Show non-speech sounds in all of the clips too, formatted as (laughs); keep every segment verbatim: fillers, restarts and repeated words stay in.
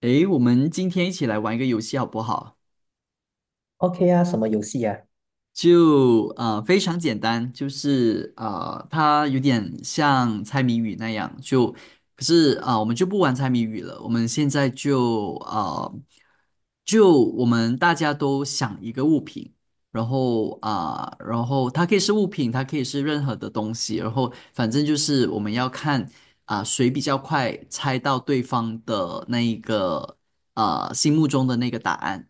诶，我们今天一起来玩一个游戏好不好？OK 啊，什么游戏啊就呃非常简单，就是呃它有点像猜谜语那样，就可是啊、呃我们就不玩猜谜语了，我们现在就啊，就我们大家都想一个物品，然后啊、然后它可以是物品，它可以是任何的东西，然后反正就是我们要看啊、谁比较快猜到对方的那一个呃心目中的那个答案。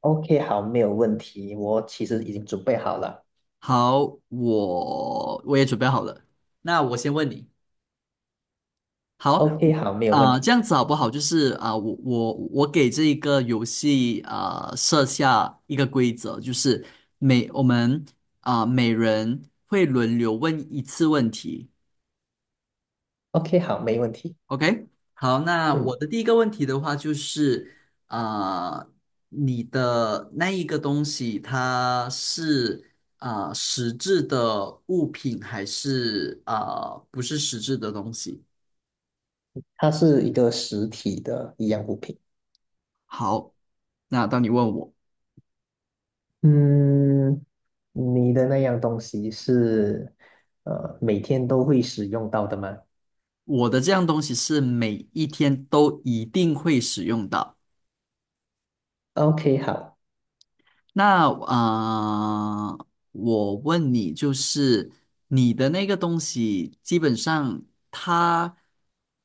？OK，好，没有问题。我其实已经准备好了。好。我我也准备好了。那我先问你。好。 OK，好，没有问啊、呃这题。样子好不好？就是啊、我我我给这一个游戏啊、呃设下一个规则，就是每我们啊、每人会轮流问一次问题。OK，好，没问题。OK，好，那嗯我嗯，的第一个问题的话就是，呃，你的那一个东西，它是啊呃实质的物品，还是啊呃不是实质的东西？它是一个实体的一样物品。好，那当你问我，嗯，你的那样东西是呃每天都会使用到的吗我的这样东西是每一天都一定会使用到。？OK，好。那啊、呃我问你，就是你的那个东西，基本上它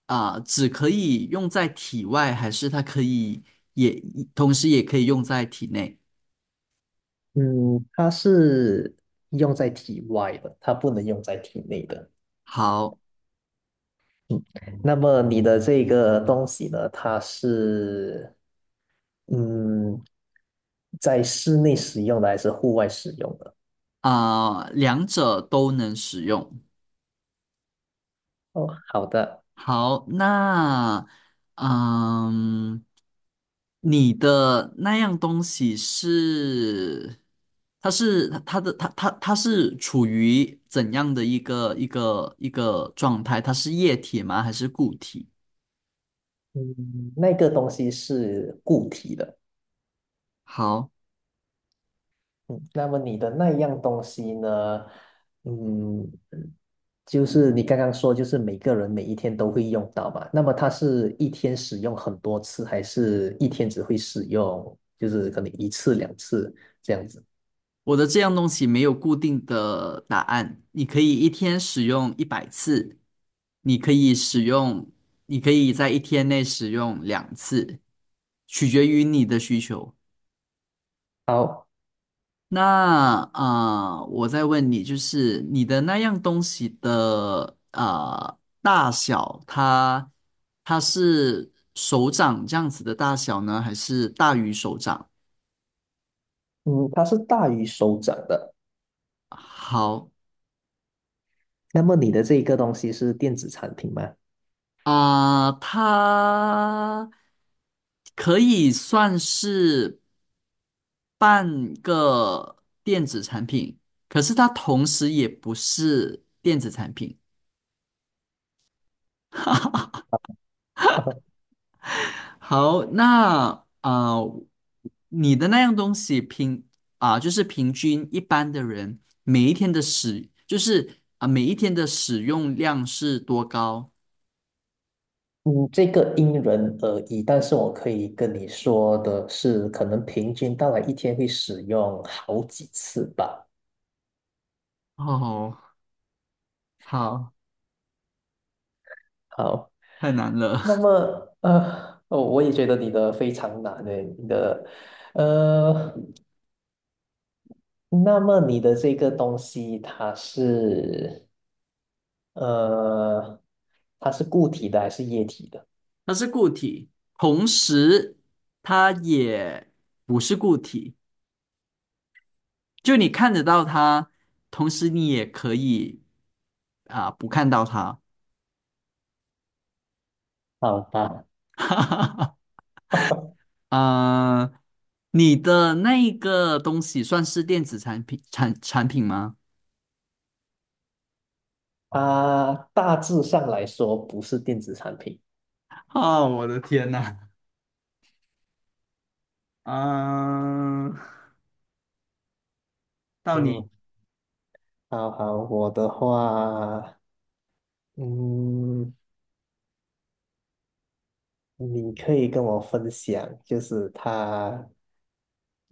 啊、只可以用在体外，还是它可以也同时也可以用在体内？嗯，它是用在体外的，它不能用在体内的。好。那么你的这个东西呢？它是嗯，在室内使用的还是户外使用的？啊、两者都能使用。哦，好的。好，那嗯，你的那样东西是，它是它的它它它是处于怎样的一个一个一个状态？它是液体吗？还是固体？嗯，那个东西是固体的。好，嗯，那么你的那样东西呢？嗯，就是你刚刚说，就是每个人每一天都会用到嘛。那么它是一天使用很多次，还是一天只会使用，就是可能一次两次这样子？我的这样东西没有固定的答案，你可以一天使用一百次，你可以使用，你可以在一天内使用两次，取决于你的需求。好，那啊、呃我再问你，就是你的那样东西的啊大小，它它是手掌这样子的大小呢，还是大于手掌？嗯，它是大于手掌的。好。那么你的这个东西是电子产品吗？啊、它可以算是半个电子产品，可是它同时也不是电子产品。(laughs) 好，那啊、呃你的那样东西平啊、就是平均一般的人每一天的使，就是啊、每一天的使用量是多高？嗯，这个因人而异，但是我可以跟你说的是，可能平均大概一天会使用好几次吧。哦，好，好，太难那了。么呃，哦，我也觉得你的非常难诶，你的呃，那么你的这个东西它是呃，它是固体的还是液体的？(laughs) 它是固体，同时它也不是固体，就你看得到它，同时你也可以啊、不看到它。好吧，(laughs) (laughs) 啊、你的那一个东西算是电子产品产产品吗？它大致上来说不是电子产品。啊，我的天呐，啊，到你。嗯，好好，我的话。嗯，你可以跟我分享，就是它，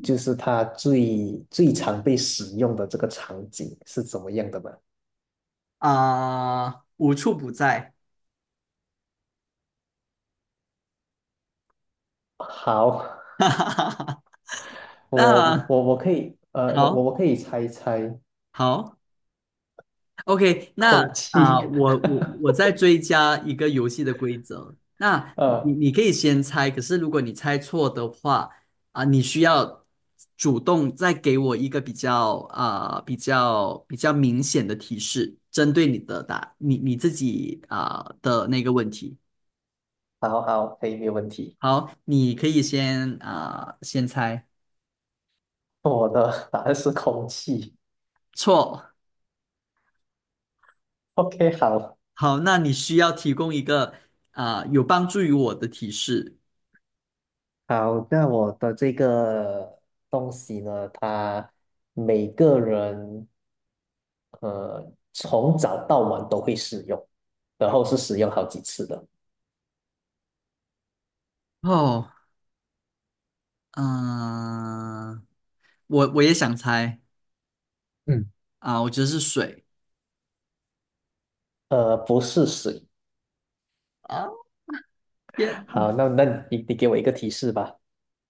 就是它最最常被使用的这个场景是怎么样的吗？啊，无处不在。好，(laughs) 哈哈哈哈。我那我我可以，呃，我我好我可以猜一猜好。OK，那空啊、气，我我我再追加一个游戏的规则。那 (laughs) 你呃，你可以先猜，可是如果你猜错的话，啊、你需要主动再给我一个比较啊、比较比较明显的提示，针对你的答你你自己啊、的那个问题。好好，可以，没有问题。好，你可以先啊、先猜。我的答案是空气。错。OK，好。好，那你需要提供一个啊、有帮助于我的提示。好，那我的这个东西呢，它每个人呃从早到晚都会使用，然后是使用好几次的。哦。嗯、我我也想猜。嗯，啊，我觉得是水。呃，不是水。啊，(laughs) 天，好，那那你你给我一个提示吧。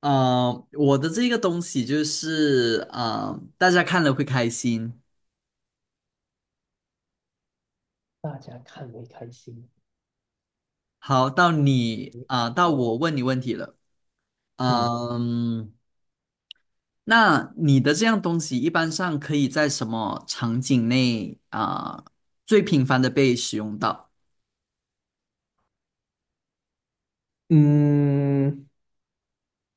呃，我的这个东西就是啊大家看了会开心。大家看会开心。好，到你啊、到好，我问你问题了。嗯，嗯，那你的这样东西一般上可以在什么场景内啊、最频繁的被使用到？嗯，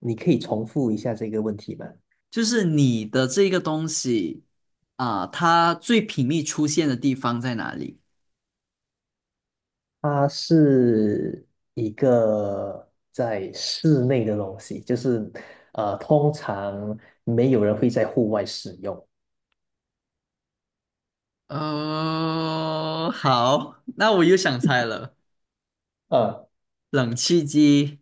你可以重复一下这个问题吗？就是你的这个东西啊、它最频密出现的地方在哪里？它是一个在室内的东西，就是呃，通常没有人会在户外使用。哦，好，那我又想猜了。呃冷气机。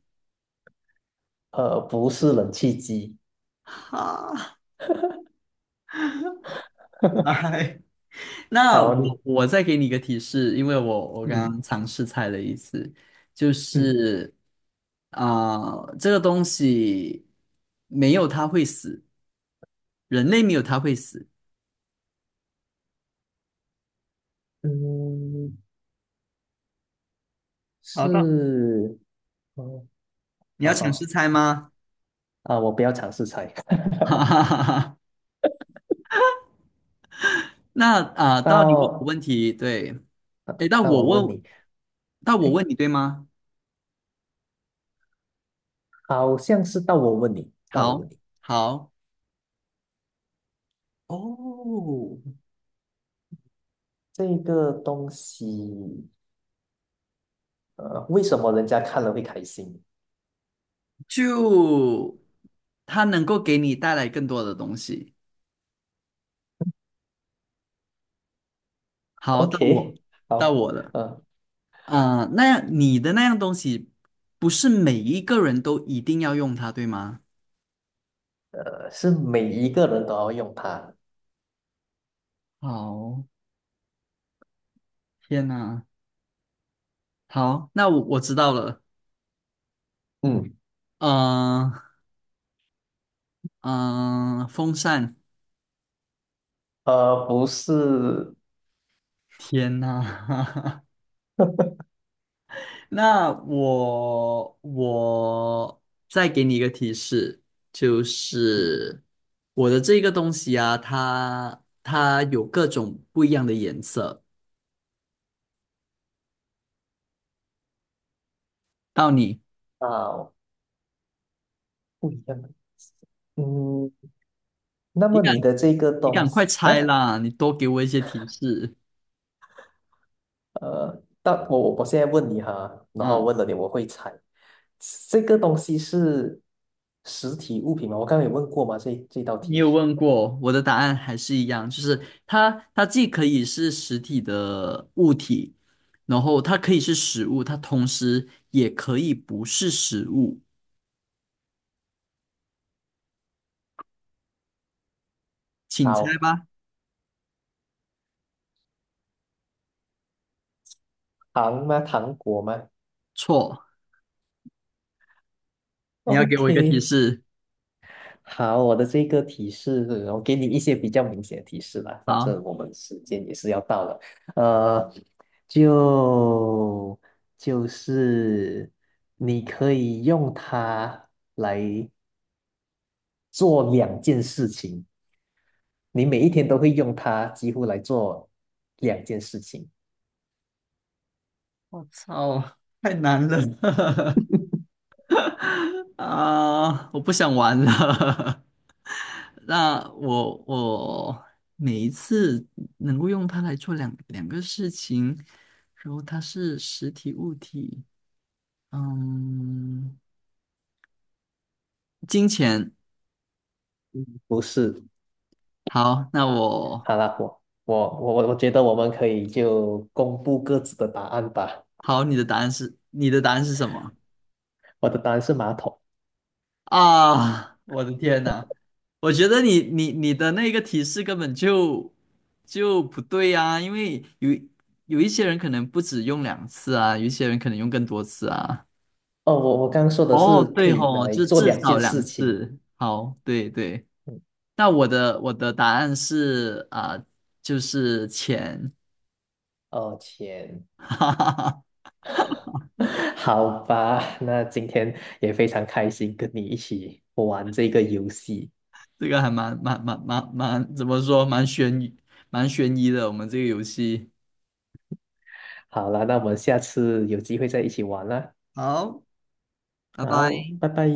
呃，不是冷气机。哈，(laughs) (laughs) 来，那我好，你我再给你一个提示，因为我我刚嗯刚尝试猜了一次，就嗯是啊、这个东西没有它会死，人类没有它会死。嗯，好的，是，嗯，你要好尝试好猜吗？啊，我不要尝试猜。(laughs) 哈 (laughs) 哈哈哈。那啊、到你问我到问题，对，诶，那那我我问问，你，那我诶，问你，对吗？好像是到我问你，到我好，问你，好。哦，这个东西，呃，为什么人家看了会开心？就它能够给你带来更多的东西。好，到我，OK，到好，我了。呃啊、那样你的那样东西，不是每一个人都一定要用它，对吗？呃，是每一个人都要用它，好，天呐。好，那我我知道了。嗯，嗯、嗯、风扇，呃，不是天呐。(laughs) 那我我再给你一个提示，就是我的这个东西啊，它它有各种不一样的颜色。到你，啊，不一样的。嗯，那你么赶你的这个你东赶快西，猜哎，啦！你多给我一些提示。呃，但我我我现在问你哈，然后嗯，问了你，我会猜，这个东西是实体物品吗？我刚刚有问过吗？这这道你题，有问过，我的答案还是一样，就是它它既可以是实体的物体，然后它可以是食物，它同时也可以不是食物。(laughs) 请猜好，吧。糖吗？糖果吗错。你要给我一个提？OK，示。好，我的这个提示，我给你一些比较明显的提示吧，反好，正我们时间也是要到了，呃，就就是你可以用它来做两件事情，你每一天都会用它，几乎来做两件事情，我操，太难了。 (laughs) 啊！我不想玩了。(laughs) 那我我每一次能够用它来做两两个事情，然后它是实体物体，嗯，金钱。不是好，那我好啦，我我我我觉得我们可以就公布各自的答案吧，好，你的答案是你的答案是什么？我的答案是马桶。啊，我的天呐，我觉得你你你的那个提示根本就就不对啊，因为有有一些人可能不止用两次啊，有一些人可能用更多次啊。哦，我我刚刚说的是哦，可对以拿吼，来就做至两少件事两情。次。好，对对。嗯，那我的我的答案是啊、就是钱。哦，钱，(laughs) 哈哈哈，(laughs) 好吧，那今天也非常开心跟你一起玩这个游戏。这个还蛮蛮蛮蛮蛮怎么说，蛮悬疑蛮悬疑的，我们这个游戏。好了，那我们下次有机会再一起玩啦。好，拜好，拜。拜拜。